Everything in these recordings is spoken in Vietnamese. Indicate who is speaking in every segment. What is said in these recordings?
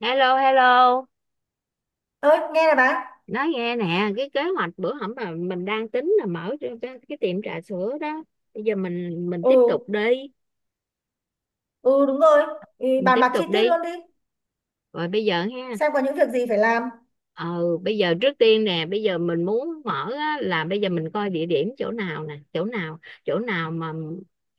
Speaker 1: Hello, hello.
Speaker 2: Ơi nghe này bà.
Speaker 1: Nói nghe nè, cái kế hoạch bữa hổm mà mình đang tính là mở cái tiệm trà sữa đó. Bây giờ mình
Speaker 2: Ừ.
Speaker 1: tiếp tục đi,
Speaker 2: Ừ, đúng rồi. Ừ,
Speaker 1: mình
Speaker 2: bàn
Speaker 1: tiếp
Speaker 2: bạc chi
Speaker 1: tục
Speaker 2: tiết
Speaker 1: đi.
Speaker 2: luôn đi,
Speaker 1: Rồi bây giờ ha.
Speaker 2: xem có những việc gì phải làm.
Speaker 1: Ờ Bây giờ trước tiên nè, bây giờ mình muốn mở á, là bây giờ mình coi địa điểm chỗ nào nè, chỗ nào mà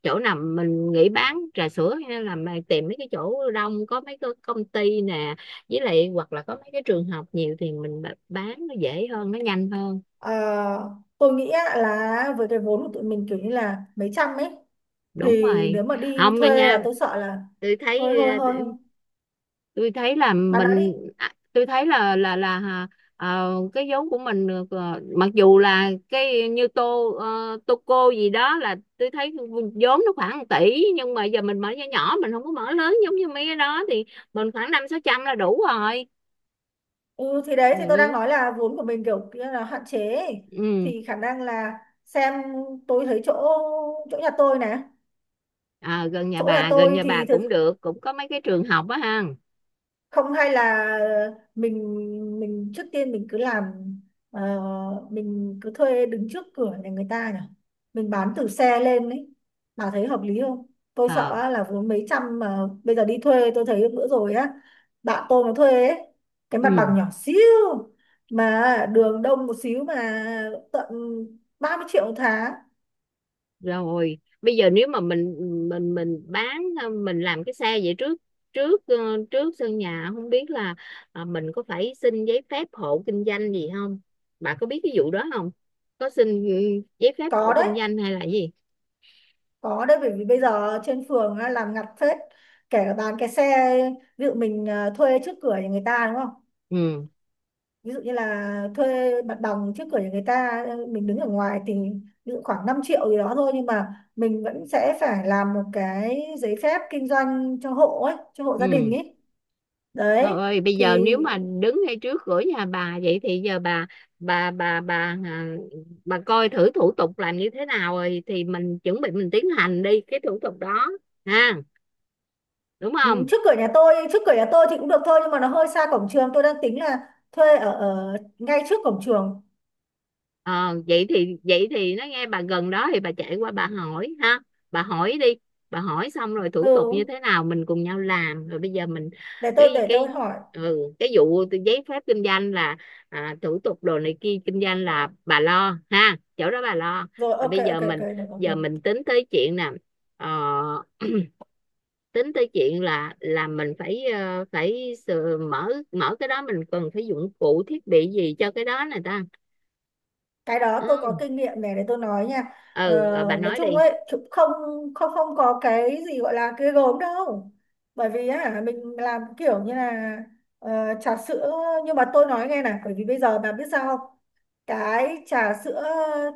Speaker 1: chỗ nào mình nghĩ bán trà sữa, hay là mà tìm mấy cái chỗ đông có mấy cái công ty nè, với lại hoặc là có mấy cái trường học nhiều thì mình bán nó dễ hơn, nó nhanh hơn.
Speaker 2: Ờ, tôi nghĩ á, là với cái vốn của tụi mình kiểu như là mấy trăm ấy,
Speaker 1: Đúng
Speaker 2: thì
Speaker 1: rồi.
Speaker 2: nếu mà đi
Speaker 1: Không mà
Speaker 2: thuê
Speaker 1: nha.
Speaker 2: là tôi sợ là
Speaker 1: tôi
Speaker 2: hơi
Speaker 1: thấy
Speaker 2: hơi
Speaker 1: ờ,
Speaker 2: hơi. Bà nói đi.
Speaker 1: tôi thấy là cái vốn của mình được, mặc dù là cái như tô tô cô gì đó, là tôi thấy vốn nó khoảng 1 tỷ, nhưng mà giờ mình mở nhỏ nhỏ, mình không có mở lớn giống như mấy cái đó thì mình khoảng năm sáu trăm là đủ rồi.
Speaker 2: Ừ thì đấy, thì tôi đang
Speaker 1: Ừ,
Speaker 2: nói là vốn của mình kiểu kia là hạn chế ấy.
Speaker 1: ừ. Ừ.
Speaker 2: Thì khả năng là xem, tôi thấy chỗ, chỗ nhà tôi này
Speaker 1: À, gần nhà
Speaker 2: chỗ nhà
Speaker 1: bà, gần
Speaker 2: tôi
Speaker 1: nhà bà
Speaker 2: thì
Speaker 1: cũng
Speaker 2: thực,
Speaker 1: được, cũng có mấy cái trường học á ha.
Speaker 2: không hay là mình, trước tiên mình cứ làm, ờ, mình cứ thuê đứng trước cửa nhà người ta nhỉ, mình bán từ xe lên ấy. Bà thấy hợp lý không? Tôi sợ
Speaker 1: Ờ,
Speaker 2: á, là vốn mấy trăm, mà bây giờ đi thuê tôi thấy bữa rồi á, bạn tôi nó thuê ấy, cái mặt
Speaker 1: ừ.
Speaker 2: bằng nhỏ xíu mà đường đông một xíu mà tận 30 triệu một tháng.
Speaker 1: Rồi bây giờ nếu mà mình bán mình làm cái xe vậy trước, trước ờ, trước sân nhà, không biết là mình có phải xin giấy phép hộ kinh doanh gì không, bà có biết cái vụ đó không, có xin giấy phép
Speaker 2: Có
Speaker 1: hộ
Speaker 2: đấy.
Speaker 1: kinh doanh hay là gì.
Speaker 2: Có đấy, bởi vì bây giờ trên phường á, làm ngặt phết, kể cả bán cái xe. Ví dụ mình à, thuê trước cửa nhà người ta đúng không,
Speaker 1: Ừ.
Speaker 2: ví dụ như là thuê mặt bằng trước cửa nhà người ta mình đứng ở ngoài thì ví dụ khoảng 5 triệu gì đó thôi, nhưng mà mình vẫn sẽ phải làm một cái giấy phép kinh doanh cho hộ ấy, cho hộ gia
Speaker 1: Ừ.
Speaker 2: đình ấy.
Speaker 1: Trời
Speaker 2: Đấy.
Speaker 1: ơi, bây giờ
Speaker 2: Thì
Speaker 1: nếu mà đứng ngay trước cửa nhà bà vậy thì giờ bà, bà bà bà à, bà coi thử thủ tục làm như thế nào rồi thì mình chuẩn bị mình tiến hành đi cái thủ tục đó ha, đúng
Speaker 2: ừ,
Speaker 1: không.
Speaker 2: trước cửa nhà tôi thì cũng được thôi, nhưng mà nó hơi xa cổng trường, tôi đang tính là thuê ở, ở ngay trước cổng trường.
Speaker 1: Ờ, vậy thì nó nghe bà gần đó thì bà chạy qua bà hỏi ha, bà hỏi đi, bà hỏi xong rồi thủ
Speaker 2: ừ
Speaker 1: tục như thế nào mình cùng nhau làm, rồi bây giờ mình,
Speaker 2: để tôi
Speaker 1: cái
Speaker 2: để tôi
Speaker 1: cái
Speaker 2: hỏi.
Speaker 1: cái vụ từ giấy phép kinh doanh là, thủ tục đồ này kia kinh doanh là bà lo ha, chỗ đó bà lo.
Speaker 2: Rồi
Speaker 1: Và
Speaker 2: ok
Speaker 1: bây
Speaker 2: ok
Speaker 1: giờ
Speaker 2: ok,
Speaker 1: mình,
Speaker 2: được được
Speaker 1: giờ
Speaker 2: được.
Speaker 1: mình tính tới chuyện nè, ờ, tính tới chuyện là mình phải, ờ, phải sờ- mở mở cái đó mình cần phải dụng cụ thiết bị gì cho cái đó này ta.
Speaker 2: Cái đó tôi có
Speaker 1: Ừ,
Speaker 2: kinh nghiệm này, để tôi nói nha. Ờ,
Speaker 1: ừ rồi bà
Speaker 2: nói
Speaker 1: nói
Speaker 2: chung
Speaker 1: đi.
Speaker 2: ấy cũng không, không có cái gì gọi là ghê gớm đâu. Bởi vì á mình làm kiểu như là ờ, trà sữa, nhưng mà tôi nói nghe này, bởi vì bây giờ bà biết sao không? Cái trà sữa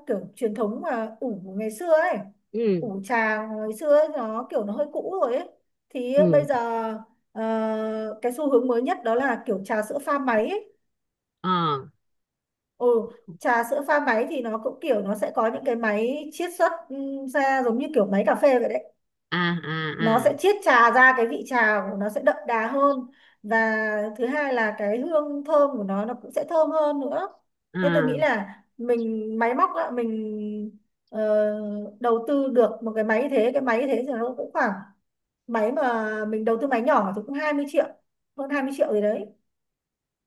Speaker 2: kiểu truyền thống mà ủ ngày xưa ấy,
Speaker 1: Ừ,
Speaker 2: ủ trà ngày xưa ấy, nó kiểu nó hơi cũ rồi ấy. Thì bây
Speaker 1: ừ.
Speaker 2: giờ cái xu hướng mới nhất đó là kiểu trà sữa pha máy ấy.
Speaker 1: Ờ.
Speaker 2: Ừ, trà sữa pha máy thì nó cũng kiểu nó sẽ có những cái máy chiết xuất ra giống như kiểu máy cà phê vậy đấy,
Speaker 1: À, à,
Speaker 2: nó
Speaker 1: à.
Speaker 2: sẽ chiết trà ra, cái vị trà của nó sẽ đậm đà hơn, và thứ hai là cái hương thơm của nó cũng sẽ thơm hơn nữa. Thế tôi nghĩ
Speaker 1: À,
Speaker 2: là mình máy móc á, mình ờ, đầu tư được một cái máy như thế, cái máy như thế thì nó cũng khoảng, máy mà mình đầu tư máy nhỏ thì cũng 20 triệu, hơn 20 triệu gì đấy,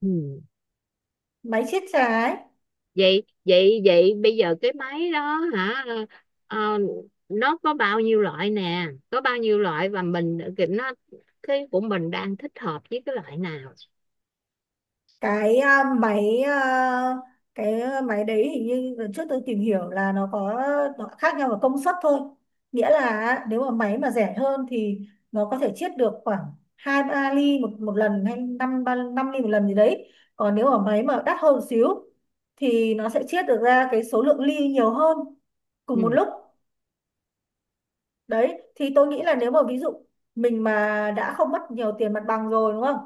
Speaker 1: ừ.
Speaker 2: máy chiết trà ấy.
Speaker 1: vậy vậy vậy bây giờ cái máy đó hả, ờ, nó có bao nhiêu loại nè, có bao nhiêu loại và mình cái- nó cái của mình đang thích hợp với cái loại nào.
Speaker 2: cái à, máy à, cái máy đấy hình như lần trước tôi tìm hiểu là nó có, nó khác nhau về công suất thôi. Nghĩa là nếu mà máy mà rẻ hơn thì nó có thể chiết được khoảng hai ba ly một một lần, hay năm ba năm ly một lần gì đấy. Còn nếu mà máy mà đắt hơn một xíu thì nó sẽ chiết được ra cái số lượng ly nhiều hơn cùng một
Speaker 1: Ừ,
Speaker 2: lúc. Đấy, thì tôi nghĩ là nếu mà ví dụ mình mà đã không mất nhiều tiền mặt bằng rồi đúng không,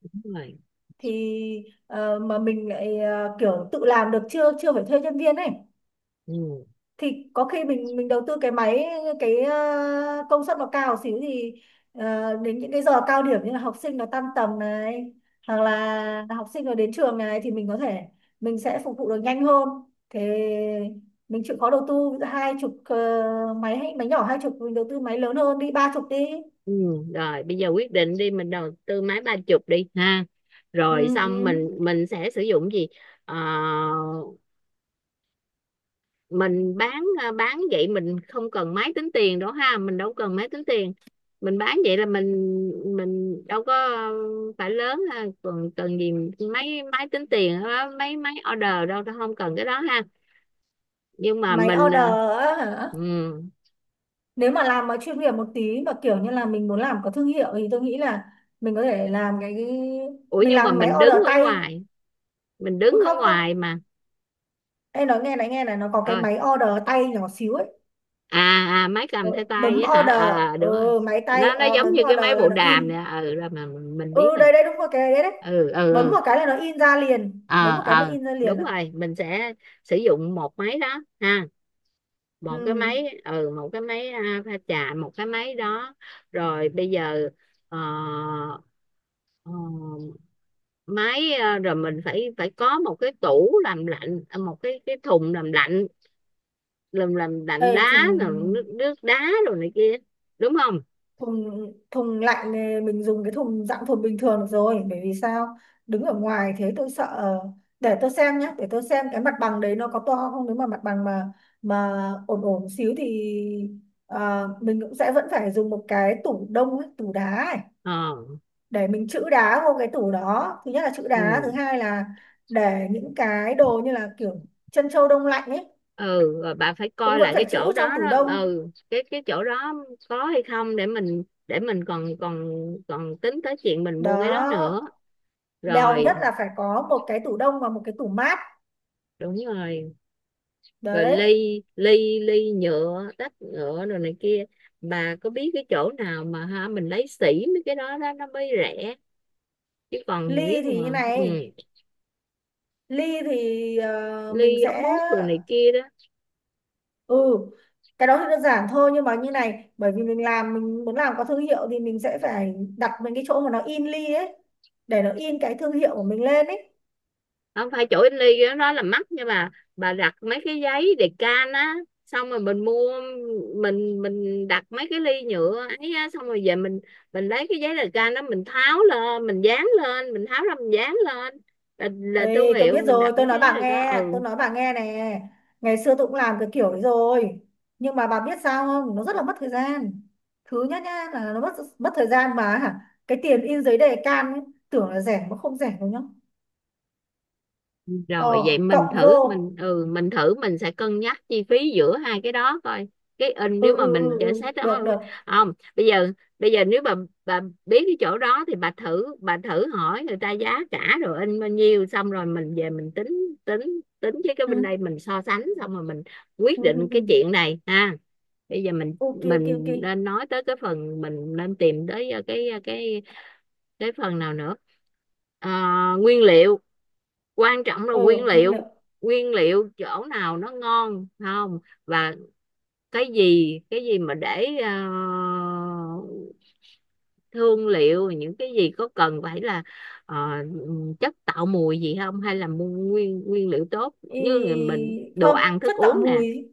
Speaker 1: đúng rồi.
Speaker 2: thì mà mình lại kiểu tự làm được, chưa chưa phải thuê nhân viên ấy,
Speaker 1: Ừ,
Speaker 2: thì có khi mình đầu tư cái máy cái công suất nó cao xíu thì đến những cái giờ cao điểm như là học sinh nó tan tầm này, hoặc là học sinh nó đến trường này, thì mình có thể, mình sẽ phục vụ được nhanh hơn. Thế mình chịu khó đầu tư 20, máy hay máy nhỏ 20, mình đầu tư máy lớn hơn đi, 30 đi.
Speaker 1: ừ. Rồi bây giờ quyết định đi, mình đầu tư máy 30 đi ha, rồi
Speaker 2: ừ, ừ.
Speaker 1: xong mình sẽ sử dụng gì. Ờ, mình bán vậy mình không cần máy tính tiền đó ha, mình đâu cần máy tính tiền, mình bán vậy là mình đâu có phải lớn ha, còn cần gì, mấy máy tính tiền á, mấy máy order đâu, không cần cái đó ha. Nhưng mà
Speaker 2: Máy
Speaker 1: mình
Speaker 2: order á
Speaker 1: ừ.
Speaker 2: hả? Nếu mà làm mà chuyên nghiệp một tí, mà kiểu như là mình muốn làm có thương hiệu, thì tôi nghĩ là mình có thể làm cái...
Speaker 1: Ủa
Speaker 2: mình
Speaker 1: nhưng mà
Speaker 2: làm máy
Speaker 1: mình đứng
Speaker 2: order
Speaker 1: ở
Speaker 2: tay.
Speaker 1: ngoài, mình đứng
Speaker 2: ừ,
Speaker 1: ở
Speaker 2: không không
Speaker 1: ngoài mà.
Speaker 2: em nói nghe này, nghe này, nó có cái
Speaker 1: Ơi.
Speaker 2: máy order tay nhỏ xíu ấy.
Speaker 1: à, À, máy
Speaker 2: Ờ,
Speaker 1: cầm theo tay
Speaker 2: bấm
Speaker 1: á hả.
Speaker 2: order.
Speaker 1: Ờ, đúng rồi,
Speaker 2: Ừ, máy tay
Speaker 1: nó giống
Speaker 2: bấm
Speaker 1: như cái
Speaker 2: order
Speaker 1: máy
Speaker 2: là
Speaker 1: bộ
Speaker 2: nó
Speaker 1: đàm
Speaker 2: in.
Speaker 1: nè, ừ, rồi mà mình biết
Speaker 2: Ừ
Speaker 1: rồi.
Speaker 2: đây đây đúng rồi, cái đấy đấy.
Speaker 1: Ừ, ừ,
Speaker 2: Bấm
Speaker 1: ừ.
Speaker 2: một cái là nó in ra liền, bấm
Speaker 1: Ờ,
Speaker 2: một cái nó
Speaker 1: ờ,
Speaker 2: in ra liền
Speaker 1: đúng
Speaker 2: à.
Speaker 1: rồi mình sẽ sử dụng một máy đó ha, một cái
Speaker 2: Ừ.
Speaker 1: máy, một cái máy, pha trà, một cái máy đó. Rồi bây giờ, ờ, ờ, rồi mình phải phải có một cái tủ làm lạnh, một cái thùng làm lạnh, làm
Speaker 2: Ê,
Speaker 1: lạnh đá,
Speaker 2: thùng,
Speaker 1: rồi nước nước đá rồi này kia, đúng không.
Speaker 2: thùng lạnh này mình dùng cái thùng dạng thùng bình thường được rồi, bởi vì sao, đứng ở ngoài. Thế tôi sợ để tôi xem nhé, để tôi xem cái mặt bằng đấy nó có to không. Nếu mà mặt bằng mà ổn ổn xíu thì mình cũng sẽ vẫn phải dùng một cái tủ đông ấy, tủ đá ấy,
Speaker 1: Ờ.
Speaker 2: để mình trữ đá vô cái tủ đó. Thứ nhất là trữ đá, thứ
Speaker 1: Ừ.
Speaker 2: hai là để những cái đồ như là kiểu chân trâu đông lạnh ấy,
Speaker 1: Ừ rồi bà phải
Speaker 2: cũng
Speaker 1: coi
Speaker 2: vẫn
Speaker 1: lại
Speaker 2: phải
Speaker 1: cái
Speaker 2: trữ
Speaker 1: chỗ đó
Speaker 2: trong tủ
Speaker 1: đó,
Speaker 2: đông.
Speaker 1: cái chỗ đó có hay không để mình, để mình còn, còn tính tới chuyện mình mua cái đó
Speaker 2: Đó,
Speaker 1: nữa.
Speaker 2: bèo nhất
Speaker 1: Rồi.
Speaker 2: là phải có một cái tủ đông và một cái tủ mát.
Speaker 1: Đúng rồi. Rồi
Speaker 2: Đấy.
Speaker 1: ly, ly nhựa, tách nhựa rồi này kia, bà có biết cái chỗ nào mà ha, mình lấy sỉ mấy cái đó đó nó mới rẻ, chứ còn
Speaker 2: Ly
Speaker 1: nếu
Speaker 2: thì
Speaker 1: mà
Speaker 2: như này, ly thì mình
Speaker 1: ly, ống
Speaker 2: sẽ,
Speaker 1: hút rồi này kia đó.
Speaker 2: ừ, cái đó thì đơn giản thôi, nhưng mà như này, bởi vì mình làm mình muốn làm có thương hiệu thì mình sẽ phải đặt mình cái chỗ mà nó in ly ấy, để nó in cái thương hiệu của mình lên ấy.
Speaker 1: Không phải chỗ in ly đó, đó là mắc, nhưng mà bà đặt mấy cái giấy đề can á, xong rồi mình mua, mình đặt mấy cái ly nhựa ấy á, xong rồi về mình lấy cái giấy đề can đó, mình tháo lên mình dán lên, mình tháo ra mình dán lên là thương
Speaker 2: Ê, tôi
Speaker 1: hiệu,
Speaker 2: biết
Speaker 1: mình
Speaker 2: rồi,
Speaker 1: đặt
Speaker 2: tôi
Speaker 1: mấy
Speaker 2: nói
Speaker 1: cái giấy
Speaker 2: bà
Speaker 1: đề can,
Speaker 2: nghe tôi
Speaker 1: ừ.
Speaker 2: nói bà nghe nè, ngày xưa tôi cũng làm cái kiểu đấy rồi, nhưng mà bà biết sao không, nó rất là mất thời gian. Thứ nhất nhá là nó mất, mất thời gian mà hả, cái tiền in giấy đề can ấy, tưởng là rẻ mà không rẻ đâu nhá.
Speaker 1: Rồi vậy
Speaker 2: Ờ,
Speaker 1: mình
Speaker 2: cộng
Speaker 1: thử,
Speaker 2: vô.
Speaker 1: mình thử, mình sẽ cân nhắc chi phí giữa hai cái đó coi cái in, nếu
Speaker 2: Ừ,
Speaker 1: mà
Speaker 2: ừ,
Speaker 1: mình
Speaker 2: ừ,
Speaker 1: trả
Speaker 2: ừ.
Speaker 1: xét đó.
Speaker 2: Được, được.
Speaker 1: Không, bây giờ nếu bà biết cái chỗ đó thì bà thử hỏi người ta giá cả rồi in bao nhiêu, xong rồi mình về mình tính, tính với cái
Speaker 2: Ừ,
Speaker 1: bên đây mình so sánh, xong rồi mình quyết
Speaker 2: ừ,
Speaker 1: định
Speaker 2: ừ. ừ.
Speaker 1: cái chuyện này ha. Bây giờ mình
Speaker 2: Ok, ok, ok.
Speaker 1: mình nên nói tới cái phần, mình nên tìm tới cái phần nào nữa. Ờ, nguyên liệu, quan trọng là
Speaker 2: Ừ,
Speaker 1: nguyên
Speaker 2: nguyên liệu.
Speaker 1: liệu. Nguyên liệu chỗ nào nó ngon không, và cái gì mà để thương liệu, những cái gì có cần phải là ờ, chất tạo mùi gì không, hay là mua nguyên nguyên liệu tốt như là
Speaker 2: Ý...
Speaker 1: mình, đồ
Speaker 2: Không,
Speaker 1: ăn thức
Speaker 2: chất tạo
Speaker 1: uống nè.
Speaker 2: mùi.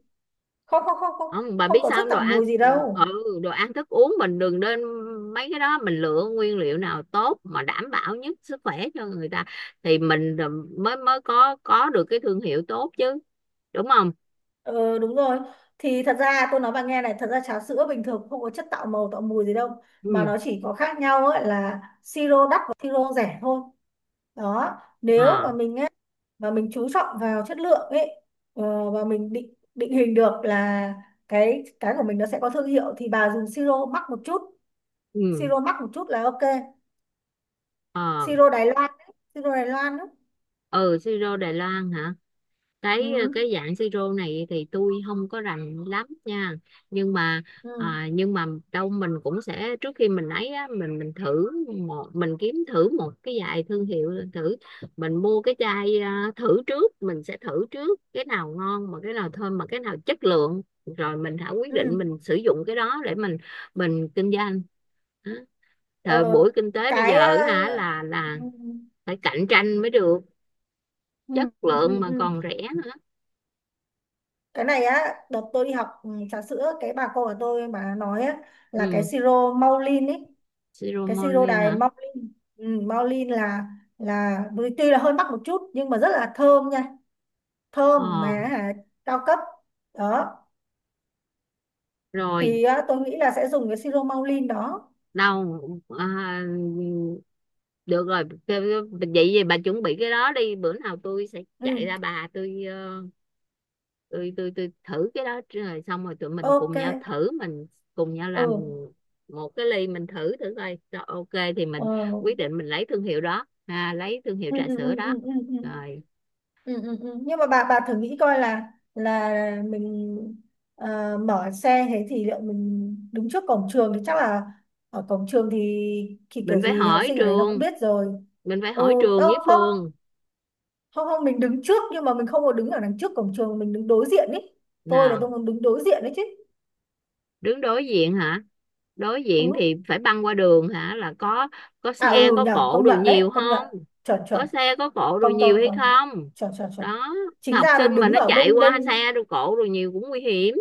Speaker 2: Không, không, không, không.
Speaker 1: Không, bà
Speaker 2: Không
Speaker 1: biết
Speaker 2: có
Speaker 1: sao
Speaker 2: chất
Speaker 1: không,
Speaker 2: tạo mùi gì đâu.
Speaker 1: ừ đồ ăn thức uống mình đừng nên, mấy cái đó mình lựa nguyên liệu nào tốt mà đảm bảo nhất sức khỏe cho người ta thì mình mới mới có được cái thương hiệu tốt chứ, đúng không.
Speaker 2: Ờ, đúng rồi. Thì thật ra tôi nói bạn nghe này, thật ra trà sữa bình thường không có chất tạo màu, tạo mùi gì đâu. Mà
Speaker 1: Ừ.
Speaker 2: nó chỉ có khác nhau ấy là siro đắt và siro rẻ thôi. Đó. Nếu mà
Speaker 1: À.
Speaker 2: mình, và mình chú trọng vào chất lượng ấy, và mình định định hình được là cái của mình nó sẽ có thương hiệu, thì bà dùng siro mắc một chút,
Speaker 1: Ừ.
Speaker 2: siro mắc một chút là ok.
Speaker 1: À.
Speaker 2: Siro Đài Loan ấy, siro Đài Loan ấy.
Speaker 1: Ừ, siro Đài Loan hả,
Speaker 2: Ừ
Speaker 1: cái dạng siro này thì tôi không có rành lắm nha, nhưng mà,
Speaker 2: ừ
Speaker 1: à, nhưng mà đâu, mình cũng sẽ, trước khi mình ấy á, mình thử, một mình kiếm thử một cái vài thương hiệu thử, mình mua cái chai, thử trước, mình sẽ thử trước cái nào ngon mà cái nào thơm mà cái nào chất lượng, rồi mình hãy quyết định
Speaker 2: ừ
Speaker 1: mình sử dụng cái đó để mình kinh doanh. Đó. Thời
Speaker 2: ờ,
Speaker 1: buổi kinh tế bây
Speaker 2: cái
Speaker 1: giờ
Speaker 2: ờ,
Speaker 1: hả, là
Speaker 2: ừ,
Speaker 1: phải cạnh tranh mới được,
Speaker 2: ừ,
Speaker 1: chất
Speaker 2: ừ, ừ,
Speaker 1: lượng mà
Speaker 2: ừ.
Speaker 1: còn rẻ nữa.
Speaker 2: Cái này á, đợt tôi đi học ừ, trà sữa, cái bà cô của tôi bà nói á, là cái
Speaker 1: Ừ.
Speaker 2: siro Maulin ấy, cái siro
Speaker 1: Siromolin
Speaker 2: Đài
Speaker 1: hả?
Speaker 2: Maulin, ừ, Maulin là tuy là hơi mắc một chút nhưng mà rất là thơm nha,
Speaker 1: Ờ.
Speaker 2: thơm mà cao cấp. Đó,
Speaker 1: Rồi.
Speaker 2: thì á, tôi nghĩ là sẽ dùng cái siro maulin đó.
Speaker 1: Đâu. à, được rồi, vậy thì bà chuẩn bị cái đó đi, bữa nào tôi sẽ chạy
Speaker 2: Ừ.
Speaker 1: ra bà, tôi, ờ, tôi thử cái đó, rồi xong rồi tụi mình cùng
Speaker 2: Ok.
Speaker 1: nhau thử, mình cùng nhau
Speaker 2: ừ
Speaker 1: làm một cái ly mình thử thử coi, rồi ok thì
Speaker 2: ờ,
Speaker 1: mình quyết định mình lấy thương hiệu đó, lấy thương hiệu
Speaker 2: ừ
Speaker 1: trà
Speaker 2: ừ
Speaker 1: sữa
Speaker 2: ừ
Speaker 1: đó.
Speaker 2: ừ ừ ừ
Speaker 1: Rồi.
Speaker 2: ừ ừ ừ. Nhưng mà bà thử nghĩ coi là mình mở xe thế, thì liệu mình đứng trước cổng trường thì chắc là, ở cổng trường thì
Speaker 1: Mình
Speaker 2: kiểu
Speaker 1: phải
Speaker 2: gì học
Speaker 1: hỏi
Speaker 2: sinh ở đấy nó cũng
Speaker 1: trường,
Speaker 2: biết rồi.
Speaker 1: mình phải
Speaker 2: Ừ.
Speaker 1: hỏi trường
Speaker 2: Đâu
Speaker 1: với
Speaker 2: không,
Speaker 1: Phương.
Speaker 2: không mình đứng trước nhưng mà mình không có đứng ở đằng trước cổng trường, mình đứng đối diện ý. Tôi là
Speaker 1: Nào.
Speaker 2: tôi muốn đứng đối diện đấy chứ.
Speaker 1: Đứng đối diện hả? Đối diện
Speaker 2: Ừ.
Speaker 1: thì phải băng qua đường hả, là có
Speaker 2: À
Speaker 1: xe
Speaker 2: ừ
Speaker 1: có
Speaker 2: nhở,
Speaker 1: cộ
Speaker 2: công
Speaker 1: đồ
Speaker 2: nhận đấy,
Speaker 1: nhiều
Speaker 2: công nhận,
Speaker 1: không,
Speaker 2: chuẩn chuẩn.
Speaker 1: có xe có cộ đồ
Speaker 2: Công
Speaker 1: nhiều
Speaker 2: công
Speaker 1: hay
Speaker 2: công
Speaker 1: không.
Speaker 2: chuẩn chuẩn chuẩn.
Speaker 1: Đó. Cái
Speaker 2: Chính
Speaker 1: học
Speaker 2: ra
Speaker 1: sinh
Speaker 2: mình
Speaker 1: mà
Speaker 2: đứng
Speaker 1: nó
Speaker 2: ở
Speaker 1: chạy
Speaker 2: bên
Speaker 1: qua
Speaker 2: bên
Speaker 1: xe đồ cộ đồ nhiều cũng nguy hiểm,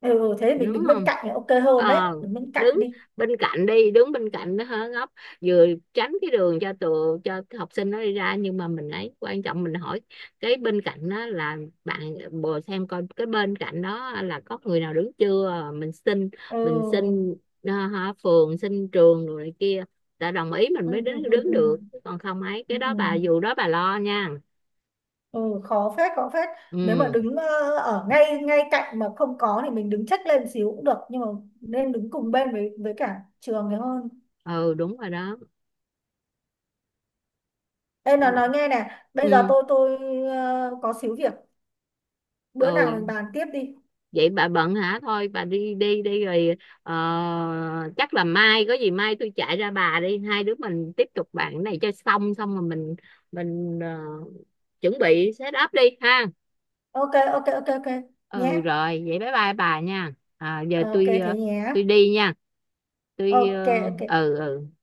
Speaker 2: ừ, thế thì mình
Speaker 1: đúng
Speaker 2: đứng bên
Speaker 1: không.
Speaker 2: cạnh thì ok hơn đấy,
Speaker 1: ờ
Speaker 2: đứng bên cạnh
Speaker 1: Đứng
Speaker 2: đi.
Speaker 1: bên cạnh đi, đứng bên cạnh nó hớ góc, vừa tránh cái đường cho tụi, cho cái học sinh nó đi ra, nhưng mà mình ấy quan trọng mình hỏi cái bên cạnh đó là bạn, bồ xem coi cái bên cạnh đó là có người nào đứng chưa. Mình xin, mình
Speaker 2: ừ
Speaker 1: xin phường, xin trường rồi này kia, đã đồng ý mình
Speaker 2: ừ
Speaker 1: mới
Speaker 2: ừ
Speaker 1: đứng
Speaker 2: ừ
Speaker 1: đứng
Speaker 2: ừ,
Speaker 1: được, còn không ấy
Speaker 2: ừ.
Speaker 1: cái
Speaker 2: ừ.
Speaker 1: đó bà dù đó bà lo nha.
Speaker 2: Ừ, khó phết, khó phết. Nếu mà
Speaker 1: Ừ,
Speaker 2: đứng ở ngay ngay cạnh mà không có thì mình đứng chếch lên xíu cũng được, nhưng mà nên đứng cùng bên với cả trường thì hơn.
Speaker 1: ừ, đúng rồi đó.
Speaker 2: Ê nó nói nghe nè, bây giờ
Speaker 1: Ừ,
Speaker 2: tôi có xíu việc, bữa nào mình
Speaker 1: ừ.
Speaker 2: bàn tiếp đi.
Speaker 1: Vậy bà bận hả, thôi bà đi đi đi rồi, ờ, chắc là mai có gì mai tôi chạy ra bà đi, hai đứa mình tiếp tục bạn cái này cho xong, xong rồi mình, mình ờ, chuẩn bị set up đi ha.
Speaker 2: Ok ok ok ok. Nhé.
Speaker 1: Ừ, rồi vậy bye bye bà nha, giờ
Speaker 2: Ok
Speaker 1: tôi,
Speaker 2: thế nhé.
Speaker 1: tôi đi nha, tôi,
Speaker 2: Ok ok.
Speaker 1: ừ, ừ.